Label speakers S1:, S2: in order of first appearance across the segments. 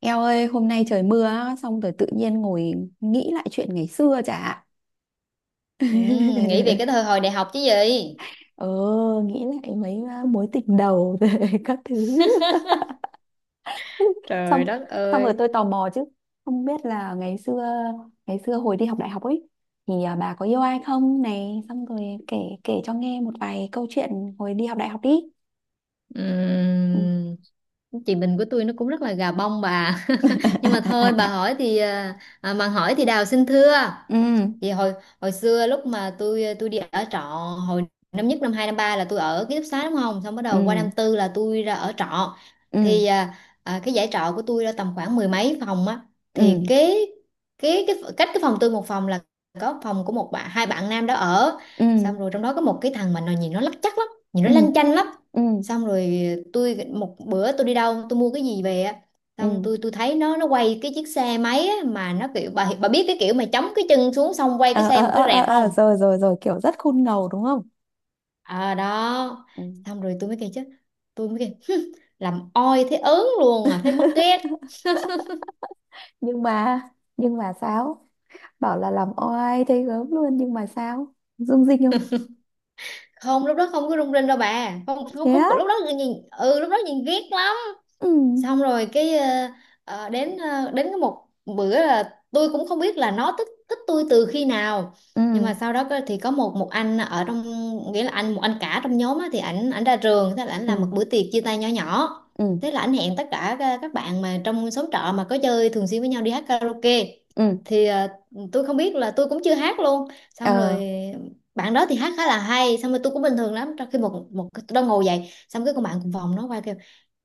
S1: Eo ơi, hôm nay trời mưa á, xong rồi tự nhiên ngồi nghĩ lại chuyện ngày xưa chả.
S2: Ừ, nghĩ về cái thời hồi đại học chứ gì?
S1: Ờ, nghĩ lại mấy mối tình đầu rồi, các thứ. Xong,
S2: Trời đất
S1: xong rồi
S2: ơi.
S1: tôi tò mò chứ. Không biết là ngày xưa, hồi đi học đại học ấy, thì bà có yêu ai không này, xong rồi kể kể cho nghe một vài câu chuyện hồi đi học đại học đi. Ừ.
S2: Ừm, chị Bình của tôi nó cũng rất là gà bông bà, nhưng mà thôi bà hỏi thì mà hỏi thì Đào xin thưa.
S1: Ừ
S2: Thì hồi hồi xưa lúc mà tôi đi ở trọ hồi năm nhất, năm 2, năm 3 là tôi ở ký túc xá, đúng không, xong bắt
S1: ừ
S2: đầu qua năm 4 là tôi ra ở trọ.
S1: ừ
S2: Thì cái dãy trọ của tôi là tầm khoảng mười mấy phòng á. thì
S1: ừ
S2: kế kế cái cách cái phòng tôi một phòng là có phòng của một bạn, hai bạn nam đó ở.
S1: ừ
S2: Xong rồi trong đó có một cái thằng mà nó nhìn nó lắc chắc lắm, nhìn
S1: ừ
S2: nó lanh chanh lắm.
S1: ừ ừ
S2: Xong rồi tôi một bữa tôi đi đâu tôi mua cái gì về á, xong
S1: ừ.
S2: tôi thấy nó quay cái chiếc xe máy á, mà nó kiểu bà biết cái kiểu mà chống cái chân xuống xong quay cái
S1: Ờ ờ
S2: xe một
S1: ờ
S2: cái
S1: ờ
S2: rẹt
S1: ờ,
S2: không.
S1: rồi rồi rồi, kiểu rất khôn ngầu đúng không.
S2: À đó.
S1: Ừ.
S2: Xong rồi tôi mới kêu chứ, tôi mới kêu "Hứ, làm oi thấy ớn luôn à, thấy mất ghét."
S1: nhưng mà nhưng mà sao bảo là làm oai thấy gớm luôn nhưng mà sao dung dinh không?
S2: Không, lúc đó không có rung rinh đâu bà, không không,
S1: Thế
S2: không
S1: á.
S2: lúc đó nhìn, ừ, lúc đó nhìn ghét lắm.
S1: Ừ
S2: Xong rồi cái ờ, ờ, đến cái một bữa là tôi cũng không biết là nó thích thích tôi từ khi nào. Nhưng
S1: ừ
S2: mà sau đó thì có một một anh ở trong, nghĩa là anh một anh cả trong nhóm á, thì ảnh ảnh ra trường, thế là ảnh làm một
S1: ừ
S2: bữa tiệc chia tay nhỏ nhỏ.
S1: ừ
S2: Thế là ảnh hẹn tất cả các bạn mà trong xóm trọ mà có chơi thường xuyên với nhau đi hát karaoke.
S1: ừ
S2: thì ờ, tôi không biết là tôi cũng chưa hát luôn. Xong
S1: ờ
S2: rồi bạn đó thì hát khá là hay, xong rồi tôi cũng bình thường lắm, trong khi một một tôi đang ngồi dậy xong cái con bạn cùng phòng nó quay kêu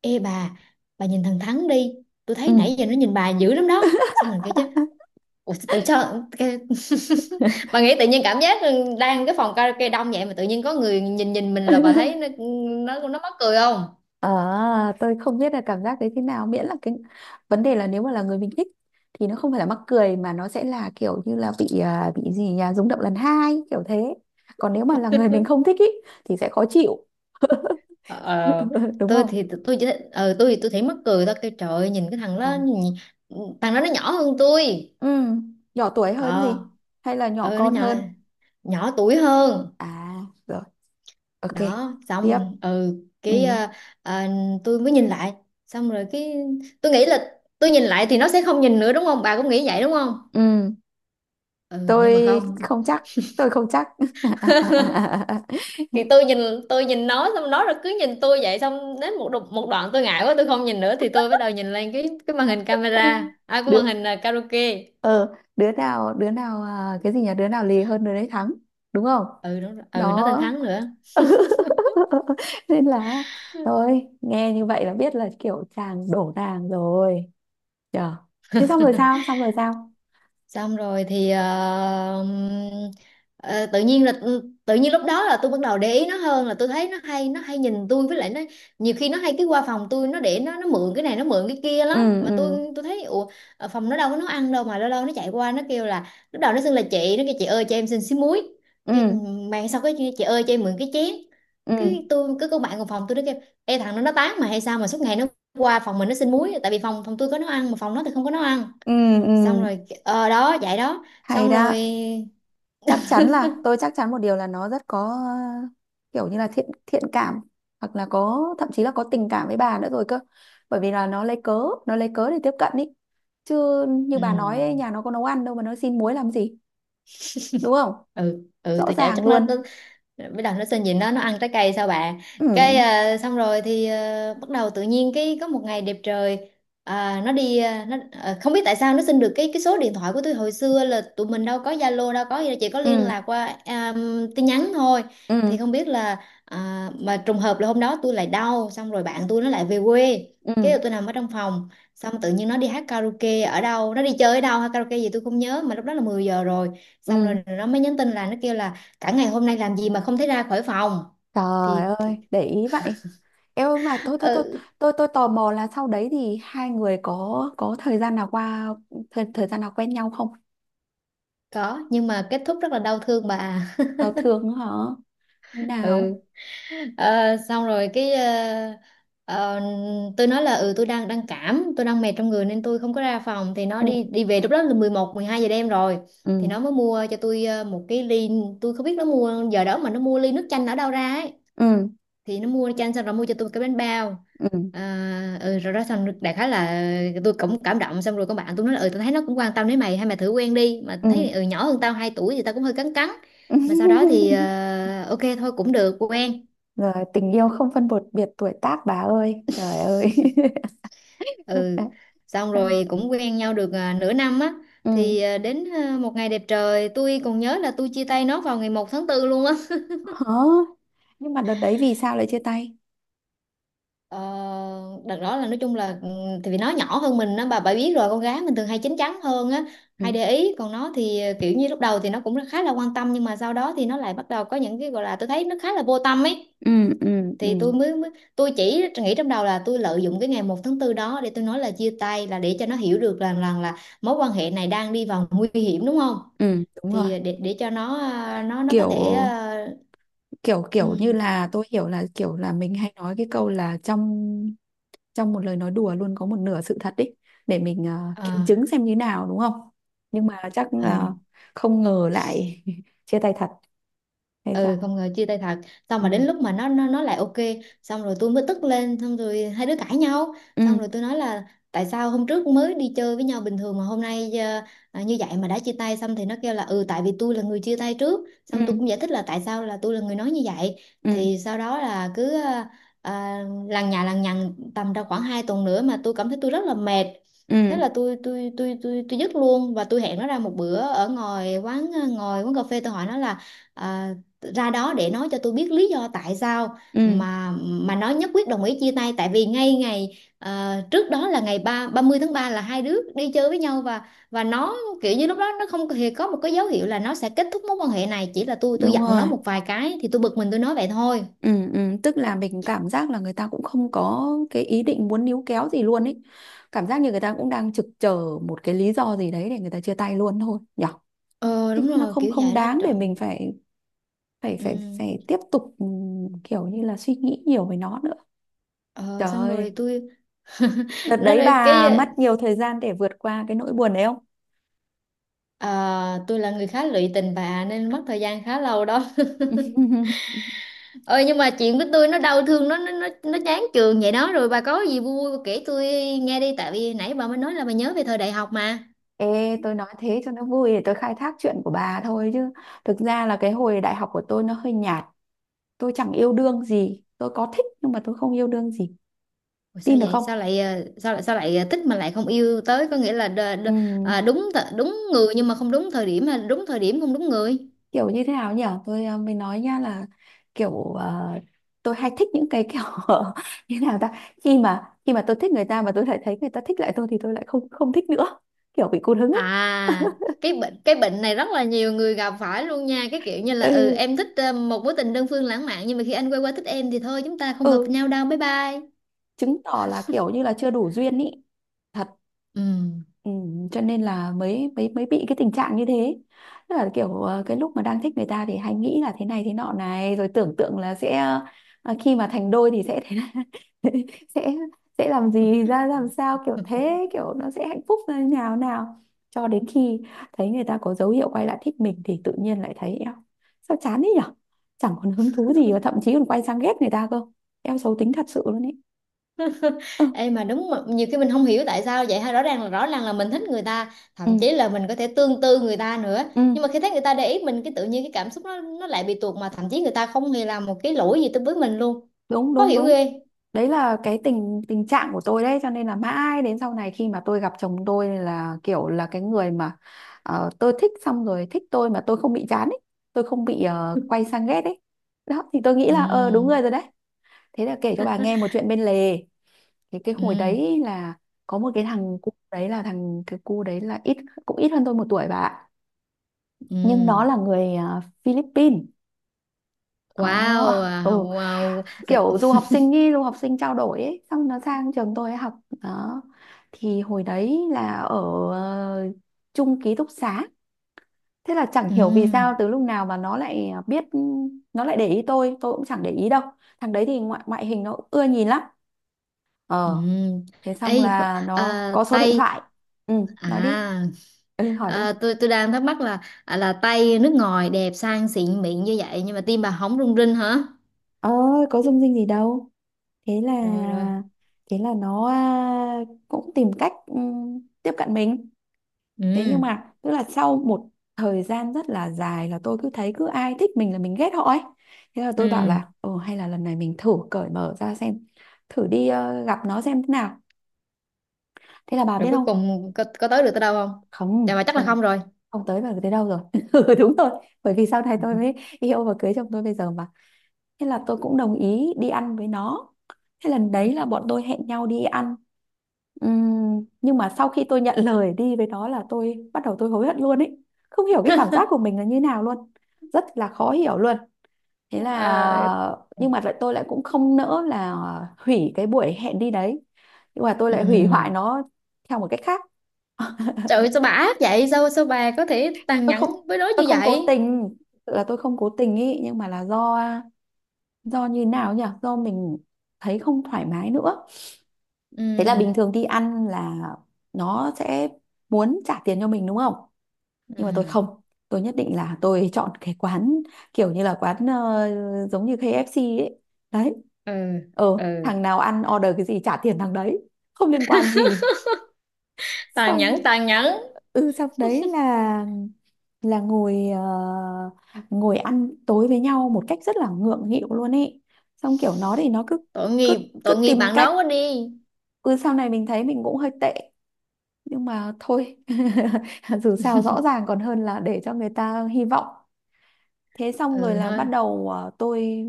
S2: "Ê bà nhìn thằng Thắng đi. Tôi
S1: ừ.
S2: thấy nãy giờ nó nhìn bà dữ lắm đó." Xong mình kêu chứ, "Ủa, tự cho cái..." Bà nghĩ tự nhiên cảm giác đang cái phòng karaoke đông vậy mà tự nhiên có người nhìn nhìn mình là bà thấy nó mắc cười không?
S1: Ờ, tôi không biết là cảm giác đấy thế nào, miễn là cái vấn đề là nếu mà là người mình thích thì nó không phải là mắc cười mà nó sẽ là kiểu như là bị gì nhà rung động lần hai kiểu thế. Còn nếu mà là người mình không thích ý, thì sẽ khó chịu.
S2: Ờ, ờ,
S1: Đúng
S2: tôi
S1: không?
S2: thì tôi chỉ tôi thì tôi thấy mắc cười thôi, kêu trời ơi, nhìn cái thằng
S1: Ừ.
S2: đó thằng đó nó nhỏ hơn tôi.
S1: Ừ, nhỏ tuổi hơn
S2: Ờ,
S1: gì hay là nhỏ
S2: ờ nó
S1: con
S2: nhỏ
S1: hơn?
S2: nhỏ tuổi hơn.
S1: À, rồi, ok,
S2: Đó
S1: tiếp.
S2: xong ừ
S1: Ừ
S2: cái ờ, ờ, tôi mới nhìn lại, xong rồi cái tôi nghĩ là tôi nhìn lại thì nó sẽ không nhìn nữa, đúng không, bà cũng nghĩ vậy đúng không?
S1: ừ,
S2: Ừ, nhưng mà
S1: tôi
S2: không.
S1: không chắc, tôi không chắc.
S2: thì tôi nhìn tôi nhìn nó, xong nó rồi cứ nhìn tôi vậy, xong đến một một đoạn tôi ngại quá tôi không nhìn nữa thì tôi bắt đầu nhìn lên cái màn hình camera, à cái
S1: Đứa,
S2: màn hình karaoke.
S1: ờ đứa nào, cái gì nhỉ, đứa nào lì hơn đứa đấy thắng, đúng không?
S2: Ừ, đúng rồi. Ừ, nó tên
S1: Đó.
S2: Thắng nữa.
S1: Nên là thôi, nghe như vậy là biết là kiểu chàng đổ nàng rồi nhờ. Thế xong rồi sao, xong rồi sao?
S2: Xong rồi thì ờ, tự nhiên là tự nhiên lúc đó là tôi bắt đầu để ý nó hơn, là tôi thấy nó hay nhìn tôi, với lại nó nhiều khi nó hay cái qua phòng tôi nó để nó mượn cái này nó mượn cái kia
S1: Ừ
S2: lắm mà
S1: ừ
S2: tôi thấy ủa, ở phòng nó đâu có nấu ăn đâu mà lâu lâu nó chạy qua nó kêu là. Lúc đầu nó xưng là chị, nó kêu "Chị ơi cho em xin xí muối."
S1: ừ
S2: Cái mạng sau cái "Chị ơi cho em mượn cái chén."
S1: ừ
S2: Cái tôi cứ, cô bạn cùng phòng tôi nó kêu "Ê thằng nó tán mà hay sao mà suốt ngày nó qua phòng mình nó xin muối," tại vì phòng phòng tôi có nấu ăn mà phòng nó thì không có nấu ăn.
S1: ừ ừ.
S2: Xong rồi ờ đó vậy đó
S1: Hay
S2: xong
S1: đó.
S2: rồi.
S1: Chắc chắn là tôi chắc chắn một điều là nó rất có, ờ, kiểu như là thiện thiện cảm, hoặc là có, thậm chí là có tình cảm với bà nữa rồi cơ, bởi vì là nó lấy cớ để tiếp cận ý. Chứ như bà nói ấy,
S2: Ừ,
S1: nhà nó có nấu ăn đâu mà nó xin muối làm gì, đúng không?
S2: ừ, ừ
S1: Rõ
S2: tôi chạy
S1: ràng
S2: chắc nó
S1: luôn.
S2: bắt đầu nó xin, nhìn nó ăn trái cây sao bà.
S1: Ừ
S2: Xong rồi thì bắt đầu tự nhiên cái có một ngày đẹp trời, nó đi không biết tại sao nó xin được cái số điện thoại của tôi. Hồi xưa là tụi mình đâu có Zalo đâu có gì đâu, chỉ có
S1: ừ
S2: liên lạc qua tin nhắn thôi.
S1: ừ
S2: Thì không biết là mà trùng hợp là hôm đó tôi lại đau, xong rồi bạn tôi nó lại về quê, cái
S1: ừ
S2: tôi nằm ở trong phòng, xong tự nhiên nó đi hát karaoke ở đâu, nó đi chơi ở đâu hát karaoke gì tôi không nhớ, mà lúc đó là 10 giờ rồi. Xong rồi
S1: ừ.
S2: nó mới nhắn tin là, nó kêu là cả ngày hôm nay làm gì mà không thấy ra khỏi phòng.
S1: Trời
S2: Thì
S1: ơi, để ý vậy. Em ơi, mà tôi tôi tôi
S2: ừ,
S1: tôi tôi tò mò là sau đấy thì hai người có thời gian nào qua, thời gian nào quen nhau không?
S2: có nhưng mà kết thúc rất là đau thương bà à.
S1: Giao thương hả? Như
S2: Ừ.
S1: nào?
S2: Ờ, xong rồi ờ, tôi nói là ừ tôi đang đang cảm, tôi đang mệt trong người nên tôi không có ra phòng. Thì nó
S1: Ừ
S2: đi đi về lúc đó là 11, 12 giờ đêm rồi. Thì
S1: ừ
S2: nó mới mua cho tôi một cái ly, tôi không biết nó mua giờ đó mà nó mua ly nước chanh ở đâu ra ấy,
S1: ừ
S2: thì nó mua cho anh, xong rồi mua cho tôi cái bánh bao.
S1: ừ
S2: Rồi đó xong đại khái là tôi cũng cảm động, xong rồi con bạn tôi nói là ừ tôi thấy nó cũng quan tâm đến mày, hay mày thử quen đi. Mà
S1: ừ.
S2: thấy ừ nhỏ hơn tao 2 tuổi thì tao cũng hơi cắn cắn, mà sau đó thì ok thôi cũng được quen.
S1: Rồi tình yêu không phân biệt biệt tuổi tác bà ơi. Trời ơi.
S2: Ừ,
S1: Đã-
S2: xong
S1: đã.
S2: rồi cũng quen nhau được nửa năm á.
S1: Ừ.
S2: Thì đến một ngày đẹp trời tôi còn nhớ là tôi chia tay nó vào ngày 1 tháng 4 luôn á.
S1: Hả? Nhưng mà đợt đấy vì sao lại chia tay?
S2: Ờ, đợt đó là nói chung là ừ, thì vì nó nhỏ hơn mình á, bà biết rồi con gái mình thường hay chín chắn hơn á,
S1: Ừ
S2: hay để ý, còn nó thì kiểu như lúc đầu thì nó cũng khá là quan tâm, nhưng mà sau đó thì nó lại bắt đầu có những cái gọi là tôi thấy nó khá là vô tâm ấy.
S1: ừ ừ ừ
S2: Thì tôi mới, mới tôi chỉ nghĩ trong đầu là tôi lợi dụng cái ngày 1 tháng 4 đó để tôi nói là chia tay, là để cho nó hiểu được rằng rằng là mối quan hệ này đang đi vào nguy hiểm, đúng không.
S1: ừ, đúng rồi.
S2: Thì để cho nó nó có thể,
S1: Kiểu kiểu kiểu như là, tôi hiểu là kiểu là mình hay nói cái câu là trong trong một lời nói đùa luôn có một nửa sự thật ý, để mình kiểm chứng xem như nào đúng không, nhưng mà chắc là
S2: uh,
S1: không ngờ lại chia tay thật hay
S2: ừ
S1: sao?
S2: không ngờ chia tay thật. Xong mà
S1: Ừ
S2: đến lúc mà nó lại ok. Xong rồi tôi mới tức lên, xong rồi hai đứa cãi nhau.
S1: ừ
S2: Xong rồi tôi nói là tại sao hôm trước mới đi chơi với nhau bình thường mà hôm nay như vậy mà đã chia tay. Xong thì nó kêu là ừ tại vì tôi là người chia tay trước. Xong tôi cũng
S1: ừ
S2: giải thích là tại sao là tôi là người nói như vậy.
S1: ừ
S2: Thì sau đó là cứ à, lằng nhà lằng nhằng tầm đâu khoảng 2 tuần nữa mà tôi cảm thấy tôi rất là mệt.
S1: ừ
S2: Thế là tôi dứt luôn, và tôi hẹn nó ra một bữa ở ngoài quán, ngồi quán cà phê. Tôi hỏi nó là à, ra đó để nói cho tôi biết lý do tại sao
S1: ừ,
S2: mà nó nhất quyết đồng ý chia tay, tại vì ngay ngày trước đó là ngày ba 30 tháng 3 là hai đứa đi chơi với nhau, và nó kiểu như lúc đó nó không hề có một cái dấu hiệu là nó sẽ kết thúc mối quan hệ này, chỉ là tôi
S1: đúng
S2: giận nó
S1: rồi.
S2: một vài cái thì tôi bực mình tôi nói vậy thôi.
S1: Ừ ừ, tức là mình cảm giác là người ta cũng không có cái ý định muốn níu kéo gì luôn ấy, cảm giác như người ta cũng đang trực chờ một cái lý do gì đấy để người ta chia tay luôn thôi nhở.
S2: Ờ
S1: Thế
S2: đúng
S1: nó
S2: rồi,
S1: không
S2: kiểu
S1: không
S2: vậy đó,
S1: đáng để
S2: trời.
S1: mình phải phải
S2: Ừ.
S1: phải phải tiếp tục, ừ, kiểu như là suy nghĩ nhiều về nó nữa.
S2: Ờ,
S1: Trời
S2: xong rồi
S1: ơi,
S2: tôi
S1: đợt
S2: nói
S1: đấy
S2: rồi
S1: bà mất nhiều thời gian để vượt qua cái nỗi buồn đấy không?
S2: tôi là người khá lụy tình bà, nên mất thời gian khá lâu đó. Ơi nhưng mà chuyện của tôi nó đau thương, nó chán trường vậy đó. Rồi bà có gì vui vui kể tôi nghe đi, tại vì nãy bà mới nói là bà nhớ về thời đại học mà.
S1: Ê, tôi nói thế cho nó vui để tôi khai thác chuyện của bà thôi chứ. Thực ra là cái hồi đại học của tôi nó hơi nhạt. Tôi chẳng yêu đương gì. Tôi có thích nhưng mà tôi không yêu đương gì.
S2: Ủa sao
S1: Tin được
S2: vậy,
S1: không?
S2: sao lại thích mà lại không yêu tới, có nghĩa là đ, đ,
S1: Ừm,
S2: à, đúng đúng người nhưng mà không đúng thời điểm, hay là đúng thời điểm không đúng người?
S1: kiểu như thế nào nhỉ? Tôi, mới nói nha là kiểu, tôi hay thích những cái kiểu như nào ta? Khi mà tôi thích người ta mà tôi lại thấy người ta thích lại tôi thì tôi lại không không thích nữa. Kiểu bị cụt hứng ấy.
S2: À, cái bệnh này rất là nhiều người gặp phải luôn nha, cái kiểu như là ừ
S1: Ừ
S2: em thích một mối tình đơn phương lãng mạn nhưng mà khi anh quay qua thích em thì thôi chúng ta không hợp
S1: ừ.
S2: nhau đâu, bye bye.
S1: Chứng tỏ là kiểu như là chưa đủ duyên ý, thật.
S2: Ừ.
S1: Ừ, cho nên là mới mới mới bị cái tình trạng như thế. Tức là kiểu, cái lúc mà đang thích người ta thì hay nghĩ là thế này thế nọ này, rồi tưởng tượng là sẽ, khi mà thành đôi thì sẽ thế này, sẽ làm gì ra làm sao, kiểu thế, kiểu nó sẽ hạnh phúc như nào nào, cho đến khi thấy người ta có dấu hiệu quay lại thích mình thì tự nhiên lại thấy eo, sao chán thế nhở, chẳng còn hứng thú gì, và thậm chí còn quay sang ghét người ta cơ. Eo, xấu tính thật sự luôn ấy. Ừ.
S2: Ê mà đúng mà, nhiều khi mình không hiểu tại sao vậy ha, rõ ràng là mình thích người ta thậm
S1: Ừ.
S2: chí là mình có thể tương tư người ta nữa, nhưng
S1: Ừ,
S2: mà khi thấy người ta để ý mình cái tự nhiên cái cảm xúc nó lại bị tuột, mà thậm chí người ta không hề làm một cái lỗi gì tới với mình luôn.
S1: đúng
S2: Khó
S1: đúng
S2: hiểu
S1: đúng.
S2: ghê.
S1: Đấy là cái tình tình trạng của tôi đấy, cho nên là mãi đến sau này khi mà tôi gặp chồng tôi là kiểu là cái người mà, tôi thích xong rồi thích tôi mà tôi không bị chán ấy, tôi không bị, quay sang ghét ấy. Đó thì tôi nghĩ
S2: Ừ,
S1: là đúng người rồi đấy. Thế là kể cho bà nghe một chuyện bên lề. Thì cái
S2: ừ,
S1: hồi đấy là có một cái thằng cái cu đấy là cũng ít hơn tôi một tuổi bà ạ. Nhưng nó
S2: ừ,
S1: là người, Philippines. Ờ,
S2: wow,
S1: ừ.
S2: wow.
S1: Kiểu du học sinh ý, du học sinh trao đổi ấy, xong nó sang trường tôi ấy học, đó. Thì hồi đấy là ở, ờ, chung ký túc xá. Thế là chẳng
S2: Ừ.
S1: hiểu vì sao từ lúc nào mà nó lại biết, nó lại để ý tôi cũng chẳng để ý đâu. Thằng đấy thì ngoại ngoại hình nó cũng ưa nhìn lắm.
S2: Ừ,
S1: Ờ, thế
S2: ê,
S1: xong là nó có số điện
S2: Tây,
S1: thoại. Ừ, nói đi.
S2: à,
S1: Ừ, hỏi đi.
S2: à tôi đang thắc mắc là Tây nước ngoài đẹp sang xịn mịn như vậy nhưng mà tim bà không rung rinh hả?
S1: Ờ, có dung dinh gì đâu. thế là
S2: Rồi, rồi.
S1: thế là nó, cũng tìm cách, tiếp cận mình. Thế nhưng
S2: Ừ,
S1: mà tức là sau một thời gian rất là dài là tôi cứ thấy cứ ai thích mình là mình ghét họ ấy. Thế là tôi bảo
S2: ừ.
S1: là ừ hay là lần này mình thử cởi mở ra xem, thử đi, gặp nó xem thế nào. Thế là bà
S2: Rồi
S1: biết
S2: cuối
S1: không?
S2: cùng có tới được tới đâu không? Dạ
S1: Không,
S2: mà chắc là
S1: không.
S2: không rồi.
S1: Không tới vào tới đâu rồi. Ừ, đúng rồi, bởi vì sau này tôi mới yêu và cưới chồng tôi bây giờ mà. Thế là tôi cũng đồng ý đi ăn với nó. Thế lần
S2: Ừ.
S1: đấy là bọn tôi hẹn nhau đi ăn. Nhưng mà sau khi tôi nhận lời đi với nó là tôi bắt đầu tôi hối hận luôn ấy. Không hiểu cái cảm giác của mình là như nào luôn. Rất là khó hiểu luôn. Thế
S2: Ờ,
S1: là, nhưng mà lại tôi lại cũng không nỡ là hủy cái buổi hẹn đi đấy. Nhưng mà tôi
S2: ừ.
S1: lại hủy hoại nó theo một cách khác.
S2: Trời ơi, sao bà ác vậy, sao sao bà có thể tàn
S1: Tôi không
S2: nhẫn với nó
S1: tôi
S2: như
S1: không cố
S2: vậy?
S1: tình, là tôi không cố tình ý, nhưng mà là do, như nào nhỉ? Do mình thấy không thoải mái nữa.
S2: Ừ,
S1: Thế là bình thường đi ăn là nó sẽ muốn trả tiền cho mình đúng không? Nhưng mà tôi
S2: ừ,
S1: không. Tôi nhất định là tôi chọn cái quán kiểu như là quán, giống như KFC ấy. Đấy.
S2: ừ,
S1: Ờ,
S2: ừ.
S1: thằng nào ăn order cái gì trả tiền thằng đấy. Không liên quan gì.
S2: Tàn
S1: Xong
S2: nhẫn, tàn nhẫn.
S1: xong đấy là ngồi, ngồi ăn tối với nhau một cách rất là ngượng nghịu luôn ấy. Xong kiểu nó thì nó cứ
S2: Tội
S1: cứ
S2: nghiệp,
S1: cứ
S2: tội nghiệp
S1: tìm
S2: bạn
S1: cách,
S2: đó quá đi.
S1: ừ, sau này mình thấy mình cũng hơi tệ, nhưng mà thôi, dù sao rõ ràng còn hơn là để cho người ta hy vọng. Thế xong rồi
S2: Ừ
S1: là bắt
S2: nói.
S1: đầu, tôi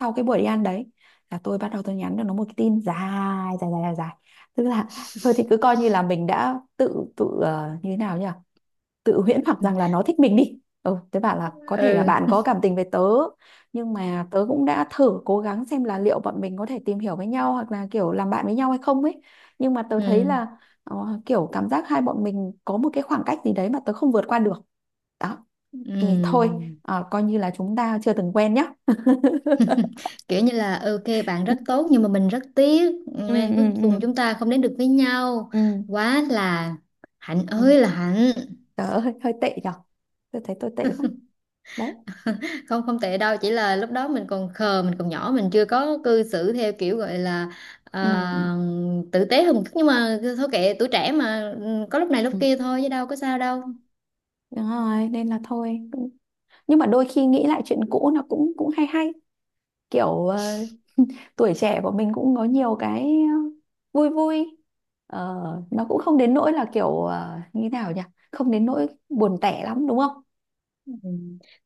S1: sau cái buổi đi ăn đấy là tôi bắt đầu tôi nhắn cho nó một cái tin dài dài dài dài dài. Tức là thôi thì cứ coi như là mình đã tự tự, như thế nào nhỉ, tự huyễn hoặc rằng là nó thích mình đi, ừ tớ bảo là có thể là
S2: Ừ,
S1: bạn có cảm tình với tớ, nhưng mà tớ cũng đã thử cố gắng xem là liệu bọn mình có thể tìm hiểu với nhau hoặc là kiểu làm bạn với nhau hay không ấy, nhưng mà tớ
S2: ừ,
S1: thấy là, kiểu cảm giác hai bọn mình có một cái khoảng cách gì đấy mà tớ không vượt qua được, đó, thì thôi,
S2: ừ.
S1: coi như là chúng ta chưa từng quen nhá.
S2: Kiểu như là ừ, ok bạn
S1: Ừ
S2: rất tốt nhưng mà mình rất tiếc
S1: ừ
S2: nên
S1: ừ
S2: cuối cùng
S1: ừ
S2: chúng ta không đến được với nhau.
S1: ừ
S2: Quá là hạnh
S1: ừ.
S2: ơi là hạnh.
S1: Tớ hơi tệ nhở, tôi thấy tôi tệ quá đấy.
S2: Không, không tệ đâu, chỉ là lúc đó mình còn khờ, mình còn nhỏ, mình chưa có cư xử theo kiểu gọi là ờ,
S1: Ừ,
S2: tử tế hơn một chút, nhưng mà thôi kệ tuổi trẻ mà, ừ, có lúc này lúc
S1: ừ,
S2: kia thôi chứ đâu có sao đâu.
S1: đúng rồi nên là thôi, nhưng mà đôi khi nghĩ lại chuyện cũ nó cũng cũng hay hay, kiểu, tuổi trẻ của mình cũng có nhiều cái, ờ, vui vui. Ờ, nó cũng không đến nỗi là kiểu, như thế nào nhỉ, không đến nỗi buồn tẻ lắm đúng không?
S2: Ừ.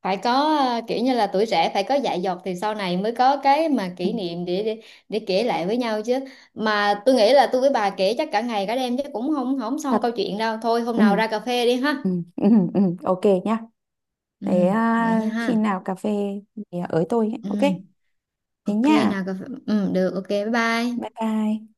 S2: Phải có kiểu như là tuổi trẻ phải có dại dột thì sau này mới có cái mà
S1: Ừ,
S2: kỷ niệm để kể lại với nhau chứ. Mà tôi nghĩ là tôi với bà kể chắc cả ngày cả đêm chứ cũng không không xong
S1: thật.
S2: câu chuyện đâu, thôi hôm
S1: Ừ,
S2: nào ra cà phê đi ha.
S1: ừ, ừ, ừ, ok nhá.
S2: Ừ,
S1: Thế,
S2: vậy nha
S1: khi
S2: ha.
S1: nào cà phê thì ới tôi nhé. Ok,
S2: Ừ,
S1: thế
S2: ok
S1: nha,
S2: nào cà phê, ừ được, ok bye bye.
S1: bye bye.